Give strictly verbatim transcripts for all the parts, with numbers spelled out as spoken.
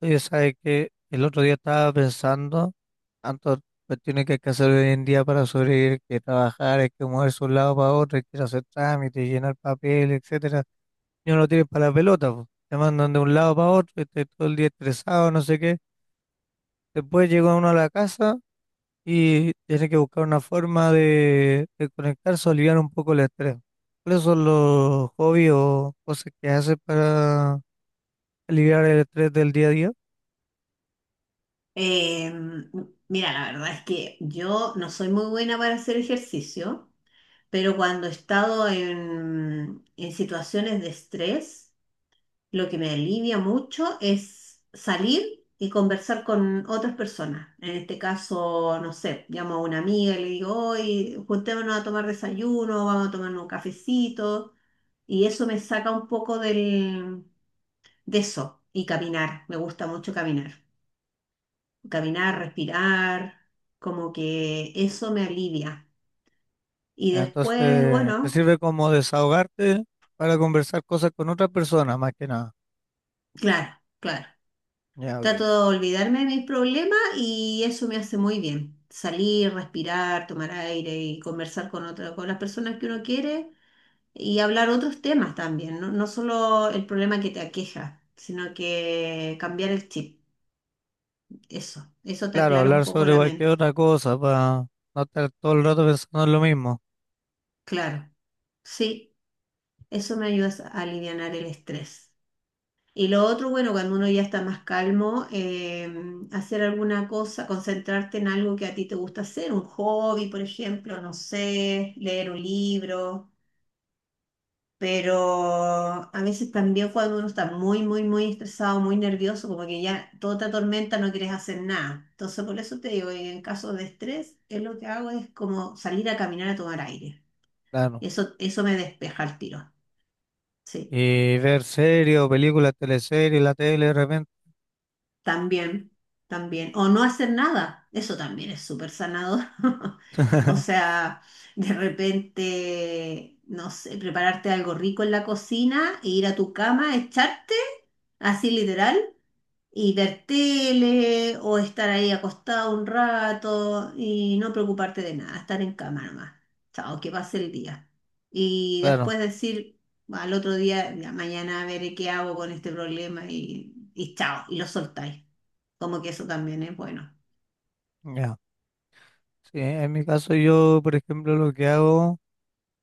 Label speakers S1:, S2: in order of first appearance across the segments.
S1: Oye, sabe que el otro día estaba pensando, tantas cuestiones que hay que hacer hoy en día para sobrevivir, que trabajar, hay que moverse de un lado para otro, hay que ir a hacer trámites, llenar papel, etcétera. Y uno lo tiene para la pelota, po. Te mandan de un lado para otro, y estás todo el día estresado, no sé qué. Después llega uno a la casa y tiene que buscar una forma de, de conectarse o aliviar un poco el estrés. ¿Cuáles son los hobbies o cosas que haces para aliviar el estrés del día a día?
S2: Eh, Mira, la verdad es que yo no soy muy buena para hacer ejercicio, pero cuando he estado en, en situaciones de estrés, lo que me alivia mucho es salir y conversar con otras personas. En este caso, no sé, llamo a una amiga y le digo, hoy juntémonos a tomar desayuno, vamos a tomar un cafecito, y eso me saca un poco del, de eso y caminar. Me gusta mucho caminar caminar, respirar, como que eso me alivia. Y
S1: Entonces,
S2: después,
S1: te
S2: bueno,
S1: sirve como desahogarte para conversar cosas con otra persona, más que nada.
S2: claro, claro.
S1: Ya, ok.
S2: Trato de olvidarme de mis problemas y eso me hace muy bien. Salir, respirar, tomar aire y conversar con otra, con las personas que uno quiere y hablar otros temas también, no, no solo el problema que te aqueja, sino que cambiar el chip. Eso, eso te
S1: Claro,
S2: aclara un
S1: hablar
S2: poco
S1: sobre
S2: la
S1: cualquier
S2: mente.
S1: otra cosa, para no estar todo el rato pensando en lo mismo.
S2: Claro, sí, eso me ayuda a alivianar el estrés. Y lo otro, bueno, cuando uno ya está más calmo, eh, hacer alguna cosa, concentrarte en algo que a ti te gusta hacer, un hobby, por ejemplo, no sé, leer un libro, pero a veces también cuando uno está muy, muy, muy estresado, muy nervioso, como que ya toda te atormenta, no quieres hacer nada. Entonces, por eso te digo, en caso de estrés, es lo que hago es como salir a caminar a tomar aire.
S1: Claro.
S2: Eso, eso me despeja el tiro. Sí.
S1: Y ver series o películas, teleseries, la tele de repente.
S2: También, también. O no hacer nada, eso también es súper sanador. O sea, de repente, no sé, prepararte algo rico en la cocina e ir a tu cama, echarte, así literal, y ver tele o estar ahí acostado un rato y no preocuparte de nada, estar en cama nomás. Chao, que pase el día. Y
S1: Claro,
S2: después decir al otro día, ya mañana veré qué hago con este problema y, y chao, y lo soltáis. Como que eso también es bueno.
S1: ya. Sí, en mi caso yo, por ejemplo, lo que hago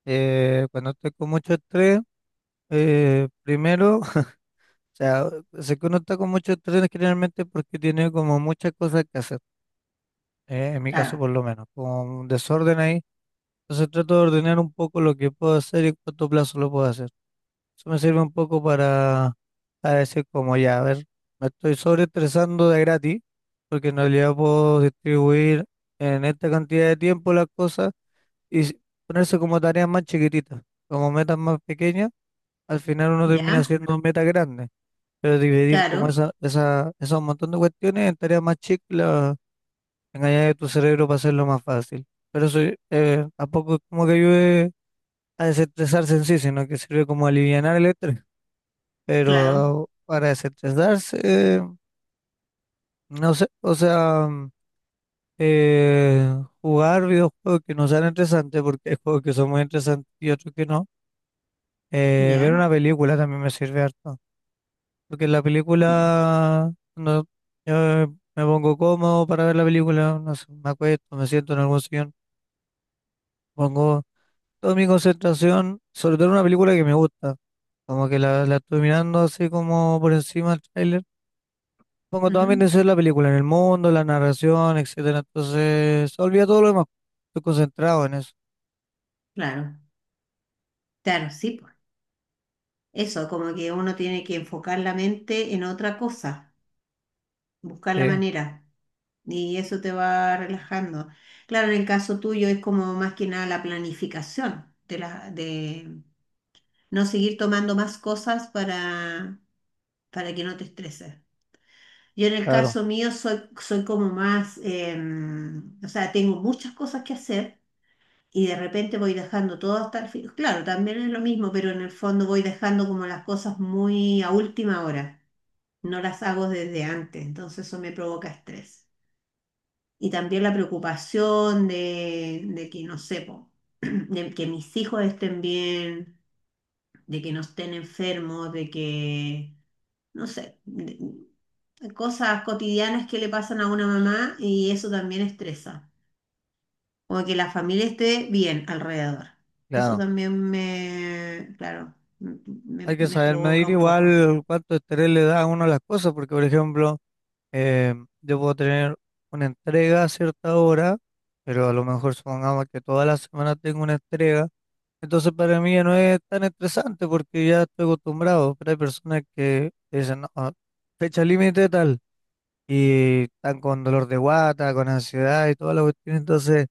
S1: eh, cuando estoy con mucho estrés, eh, primero, o sea, sé que uno está con mucho estrés generalmente porque tiene como muchas cosas que hacer. Eh, en mi caso
S2: Claro,
S1: por lo menos, con un desorden ahí. Entonces trato de ordenar un poco lo que puedo hacer y en cuánto plazo lo puedo hacer. Eso me sirve un poco para, para decir como ya, a ver, me estoy sobreestresando de gratis, porque en realidad puedo distribuir en esta cantidad de tiempo las cosas y s- ponerse como tareas más chiquititas, como metas más pequeñas, al final uno termina
S2: ya,
S1: haciendo metas grandes, pero dividir como
S2: claro,
S1: esa, esa, esos montón de cuestiones en tareas más chicas. Engañar a tu cerebro para hacerlo más fácil. Pero eso eh, tampoco es como que ayude a desestresarse en sí, sino que sirve como alivianar el estrés.
S2: claro,
S1: Pero para desestresarse, eh, no sé, o sea, mm, eh, jugar videojuegos que no sean interesantes porque hay juegos que son muy interesantes y otros que no. Eh, ver
S2: ya,
S1: una película también me sirve harto. Porque la
S2: ya.
S1: película, no, yo me pongo cómodo para ver la película, no sé, me acuesto, me siento en algún sillón, pongo toda mi concentración, sobre todo en una película que me gusta. Como que la, la estoy mirando así como por encima del tráiler. Pongo toda mi
S2: Ujú.
S1: atención en la película, en el mundo, la narración, etcétera. Entonces, se olvida todo lo demás. Estoy concentrado en eso.
S2: Claro, claro, sí, pues. Eso, como que uno tiene que enfocar la mente en otra cosa, buscar
S1: Sí,
S2: la manera, y eso te va relajando. Claro, en el caso tuyo es como más que nada la planificación de la, de no seguir tomando más cosas para, para que no te estreses. Yo en el
S1: claro,
S2: caso mío soy, soy como más, em, o sea, tengo muchas cosas que hacer y de repente voy dejando todo hasta el fin. Claro, también es lo mismo, pero en el fondo voy dejando como las cosas muy a última hora. No las hago desde antes, entonces eso me provoca estrés. Y también la preocupación de, de que, no sé, po, de que mis hijos estén bien, de que no estén enfermos, de que, no sé, de- cosas cotidianas que le pasan a una mamá y eso también estresa. Como que la familia esté bien alrededor. Eso
S1: claro.
S2: también me, claro, m- me,
S1: Hay que
S2: me
S1: saber
S2: provoca
S1: medir
S2: un poco.
S1: igual cuánto estrés le da a uno a las cosas, porque por ejemplo, eh, yo puedo tener una entrega a cierta hora, pero a lo mejor supongamos que toda la semana tengo una entrega. Entonces para mí ya no es tan estresante porque ya estoy acostumbrado, pero hay personas que dicen, no, ah, fecha límite tal, y están con dolor de guata, con ansiedad y toda la cuestión, entonces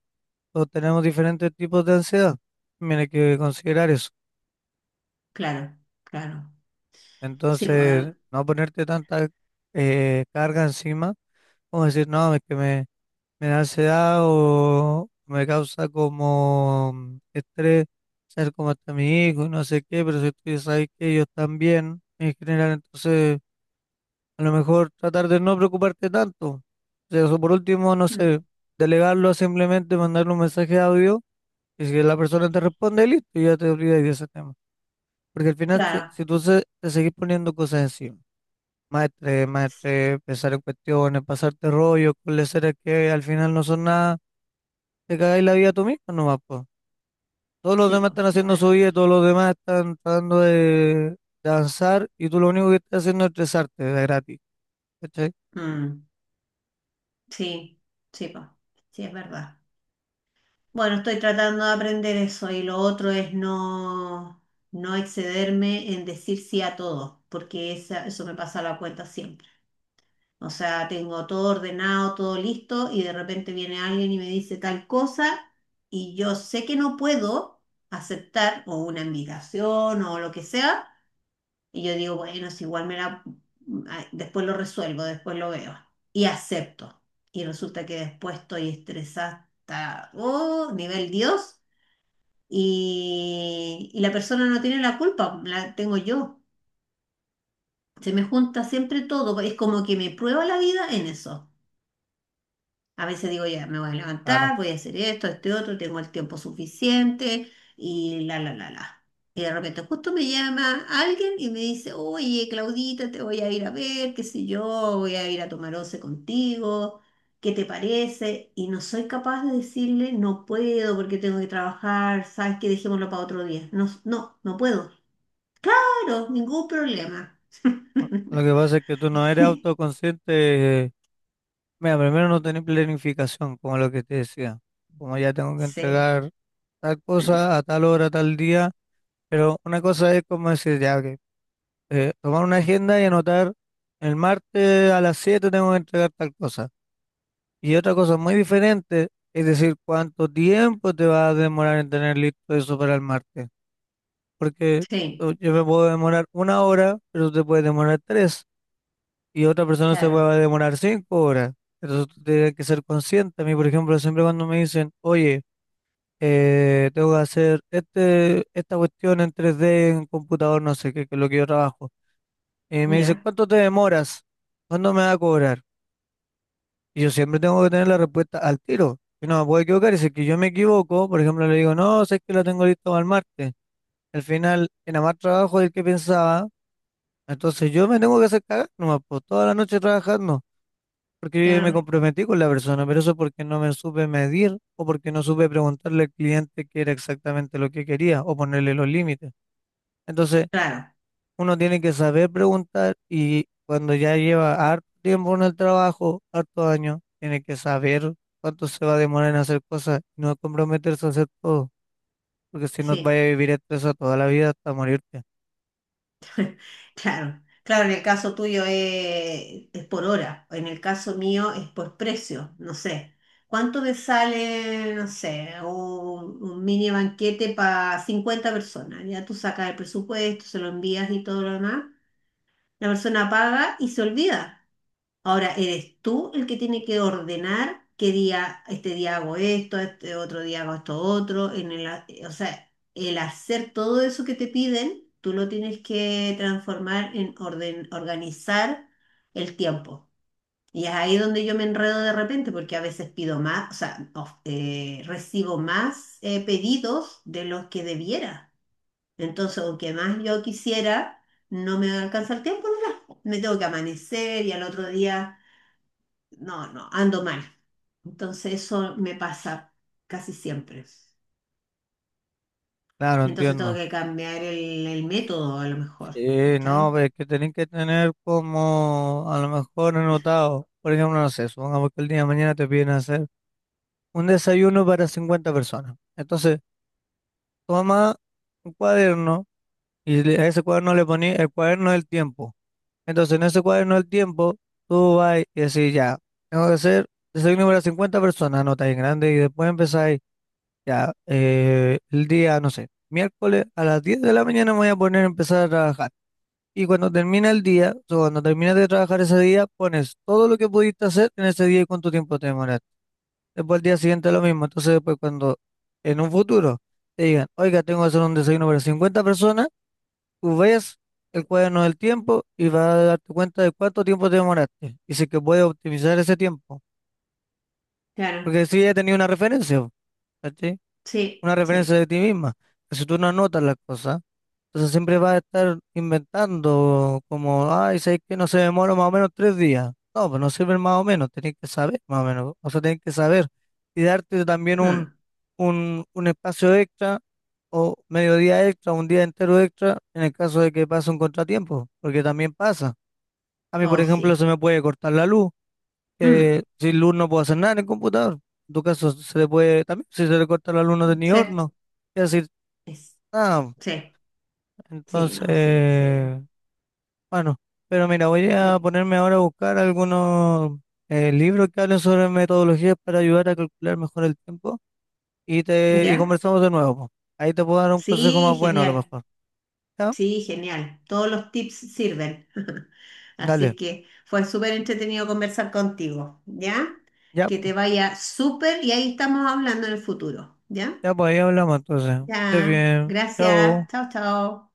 S1: todos tenemos diferentes tipos de ansiedad, también hay que considerar eso.
S2: Claro, claro. Sí, pues, eh,
S1: Entonces, no ponerte tanta eh, carga encima, como decir, no, es que me... Me da ansiedad o me causa como mm, estrés ser como está mi hijo y no sé qué, pero si tú ya sabes que ellos están bien en general, entonces a lo mejor tratar de no preocuparte tanto. O sea, eso por último, no sé,
S2: mm,
S1: delegarlo a simplemente mandarle un mensaje de audio y si la persona te responde, listo, ya te olvidas de ese tema. Porque al final, si,
S2: claro.
S1: si tú se- te seguís poniendo cosas encima, maestre maestre pensar en cuestiones, pasarte rollos con leseras que al final no son nada, te cagáis la vida tú mismo nomás, po. Todos los
S2: Sí,
S1: demás
S2: pues,
S1: están
S2: es
S1: haciendo su
S2: verdad.
S1: vida, todos los demás están tratando de danzar, y tú lo único que estás haciendo es estresarte de gratis, ¿cachai?
S2: Mm, sí, sí, pues, sí, es verdad. Bueno, estoy tratando de aprender eso y lo otro es no, no excederme en decir sí a todo, porque esa- eso me pasa la cuenta siempre. O sea, tengo todo ordenado, todo listo y de repente viene alguien y me dice tal cosa y yo sé que no puedo aceptar o una invitación o lo que sea y yo digo, bueno, si igual me la, ah, después lo resuelvo, después lo veo y acepto. Y resulta que después estoy estresada hasta, oh, nivel Dios y, y la persona no tiene la culpa, la tengo yo. Se me junta siempre todo, es como que me prueba la vida en eso. A veces digo, ya, me voy a
S1: Ah, no.
S2: levantar, voy a hacer esto, este otro, tengo el tiempo suficiente y la, la, la, la. Y de repente justo me llama alguien y me dice, oye, Claudita, te voy a ir a ver, qué sé yo, voy a ir a tomar once contigo, ¿qué te parece? Y no soy capaz de decirle, no puedo porque tengo que trabajar, sabes que dejémoslo para otro día. No, no, no puedo. Claro, ningún problema.
S1: Lo que pasa es que tú no eres autoconsciente. eh, Mira, primero no tenés planificación, como lo que te decía. Como ya tengo que
S2: Sí,
S1: entregar tal cosa a tal hora, tal día. Pero una cosa es como decir, ya, que tomar una agenda y anotar el martes a las siete tengo que entregar tal cosa. Y otra cosa muy diferente es decir cuánto tiempo te va a demorar en tener listo eso para el martes. Porque
S2: sí,
S1: o- yo me puedo demorar una hora, pero te puede demorar tres. Y otra persona se
S2: claro,
S1: va a demorar cinco horas. Entonces tú tienes que ser consciente. A mí, por ejemplo, siempre cuando me dicen, oye, eh, tengo que hacer este, esta cuestión en tres d en computador, no sé qué, que es lo que yo trabajo. Y me dicen,
S2: ya,
S1: ¿cuánto te demoras? ¿Cuándo me va a cobrar? Y yo siempre tengo que tener la respuesta al tiro. Yo no me puedo equivocar. Y si es que yo me equivoco, por ejemplo, le digo, no, sé que lo tengo listo para el martes. Al final, era más trabajo del que pensaba. Entonces yo me tengo que hacer cagar nomás, pues, toda la noche trabajando. Porque yo me
S2: claro,
S1: comprometí con la persona, pero eso porque no me supe medir o porque no supe preguntarle al cliente qué era exactamente lo que quería o ponerle los límites. Entonces,
S2: claro,
S1: uno tiene que saber preguntar y cuando ya lleva harto tiempo en el trabajo, harto años, tiene que saber cuánto se va a demorar en hacer cosas y no comprometerse a hacer todo, porque si no vaya
S2: sí.
S1: a vivir estresado toda la vida hasta morirte.
S2: Claro, claro, en el caso tuyo eh, es, por hora, en el caso mío es por precio, no sé. ¿Cuánto me sale, no sé, un, un mini banquete para cincuenta personas? Ya tú sacas el presupuesto, se lo envías y todo lo demás. La persona paga y se olvida. Ahora, eres tú el que tiene que ordenar qué día, este día hago esto, este otro día hago esto otro, en el, ha- o sea, el hacer todo eso que te piden, tú lo tienes que transformar en orden, organizar el tiempo. Y es ahí donde yo me enredo de repente, porque a veces pido más, o sea, of- eh, recibo más eh, pedidos de los que debiera. Entonces, aunque más yo quisiera, no me alcanza el tiempo, no, me tengo que amanecer y al otro día no, no, ando mal. Entonces eso me pasa casi siempre.
S1: Claro,
S2: Entonces tengo
S1: entiendo.
S2: que cambiar el, el método a lo mejor.
S1: Sí, no,
S2: ¿Cachai?
S1: pero es que tenés que tener como a lo mejor anotado, por ejemplo, no sé, supongamos que el día de mañana te piden hacer un desayuno para cincuenta personas. Entonces, toma un cuaderno y le- a ese cuaderno le poní el cuaderno del tiempo. Entonces, en ese cuaderno del tiempo, tú vas y decís, ya, tengo que hacer, soy número cincuenta personas, anota en grande, y después empezáis, ya, eh, el día, no sé, miércoles a las diez de la mañana me voy a poner a empezar a trabajar. Y cuando termina el día, o sea, cuando terminas de trabajar ese día, pones todo lo que pudiste hacer en ese día y cuánto tiempo te demoraste. Después al día siguiente lo mismo. Entonces, después cuando en un futuro te digan, oiga, tengo que hacer un desayuno para cincuenta personas, tú ves el cuaderno del tiempo y vas a darte cuenta de cuánto tiempo te demoraste. Y si es que puedes optimizar ese tiempo.
S2: Claro,
S1: Porque si ya tenías una referencia, po, ¿cachai?
S2: sí,
S1: Una referencia
S2: sí,
S1: de ti misma, que si tú no anotas las cosas, entonces siempre vas a estar inventando como, ay, sabes que no se demora más o menos tres días. No, pues no sirve más o menos, tenés que saber más o menos. O sea, tenés que saber y darte también un,
S2: claro.
S1: un, un espacio extra o mediodía extra, un día entero extra en el caso de que pase un contratiempo, porque también pasa. A mí, por
S2: Hoy
S1: ejemplo, se
S2: sí.
S1: me puede cortar la luz,
S2: Mm,
S1: que sin luz no puedo hacer nada en el computador. En tu caso, se le puede, también, si se le corta la luz, no tenía
S2: sí,
S1: horno. Y decir,
S2: es-
S1: ah.
S2: sí, sí, no, sí, sí.
S1: Entonces, bueno. Pero mira, voy a
S2: Ay,
S1: ponerme ahora a buscar algunos eh, libros que hablen sobre metodologías para ayudar a calcular mejor el tiempo. Y te, y
S2: ¿ya?
S1: conversamos de nuevo, po. Ahí te puedo dar un consejo
S2: Sí,
S1: más bueno, a lo
S2: genial.
S1: mejor. ¿Ya?
S2: Sí, genial. Todos los tips sirven.
S1: Dale.
S2: Así que fue súper entretenido conversar contigo, ¿ya?
S1: Ya,
S2: Que te
S1: pues.
S2: vaya súper y ahí estamos hablando en el futuro, ¿ya?
S1: Ya, pues, ahí hablamos entonces. Que estés
S2: Ya,
S1: bien.
S2: gracias.
S1: Chao.
S2: Chao, chao.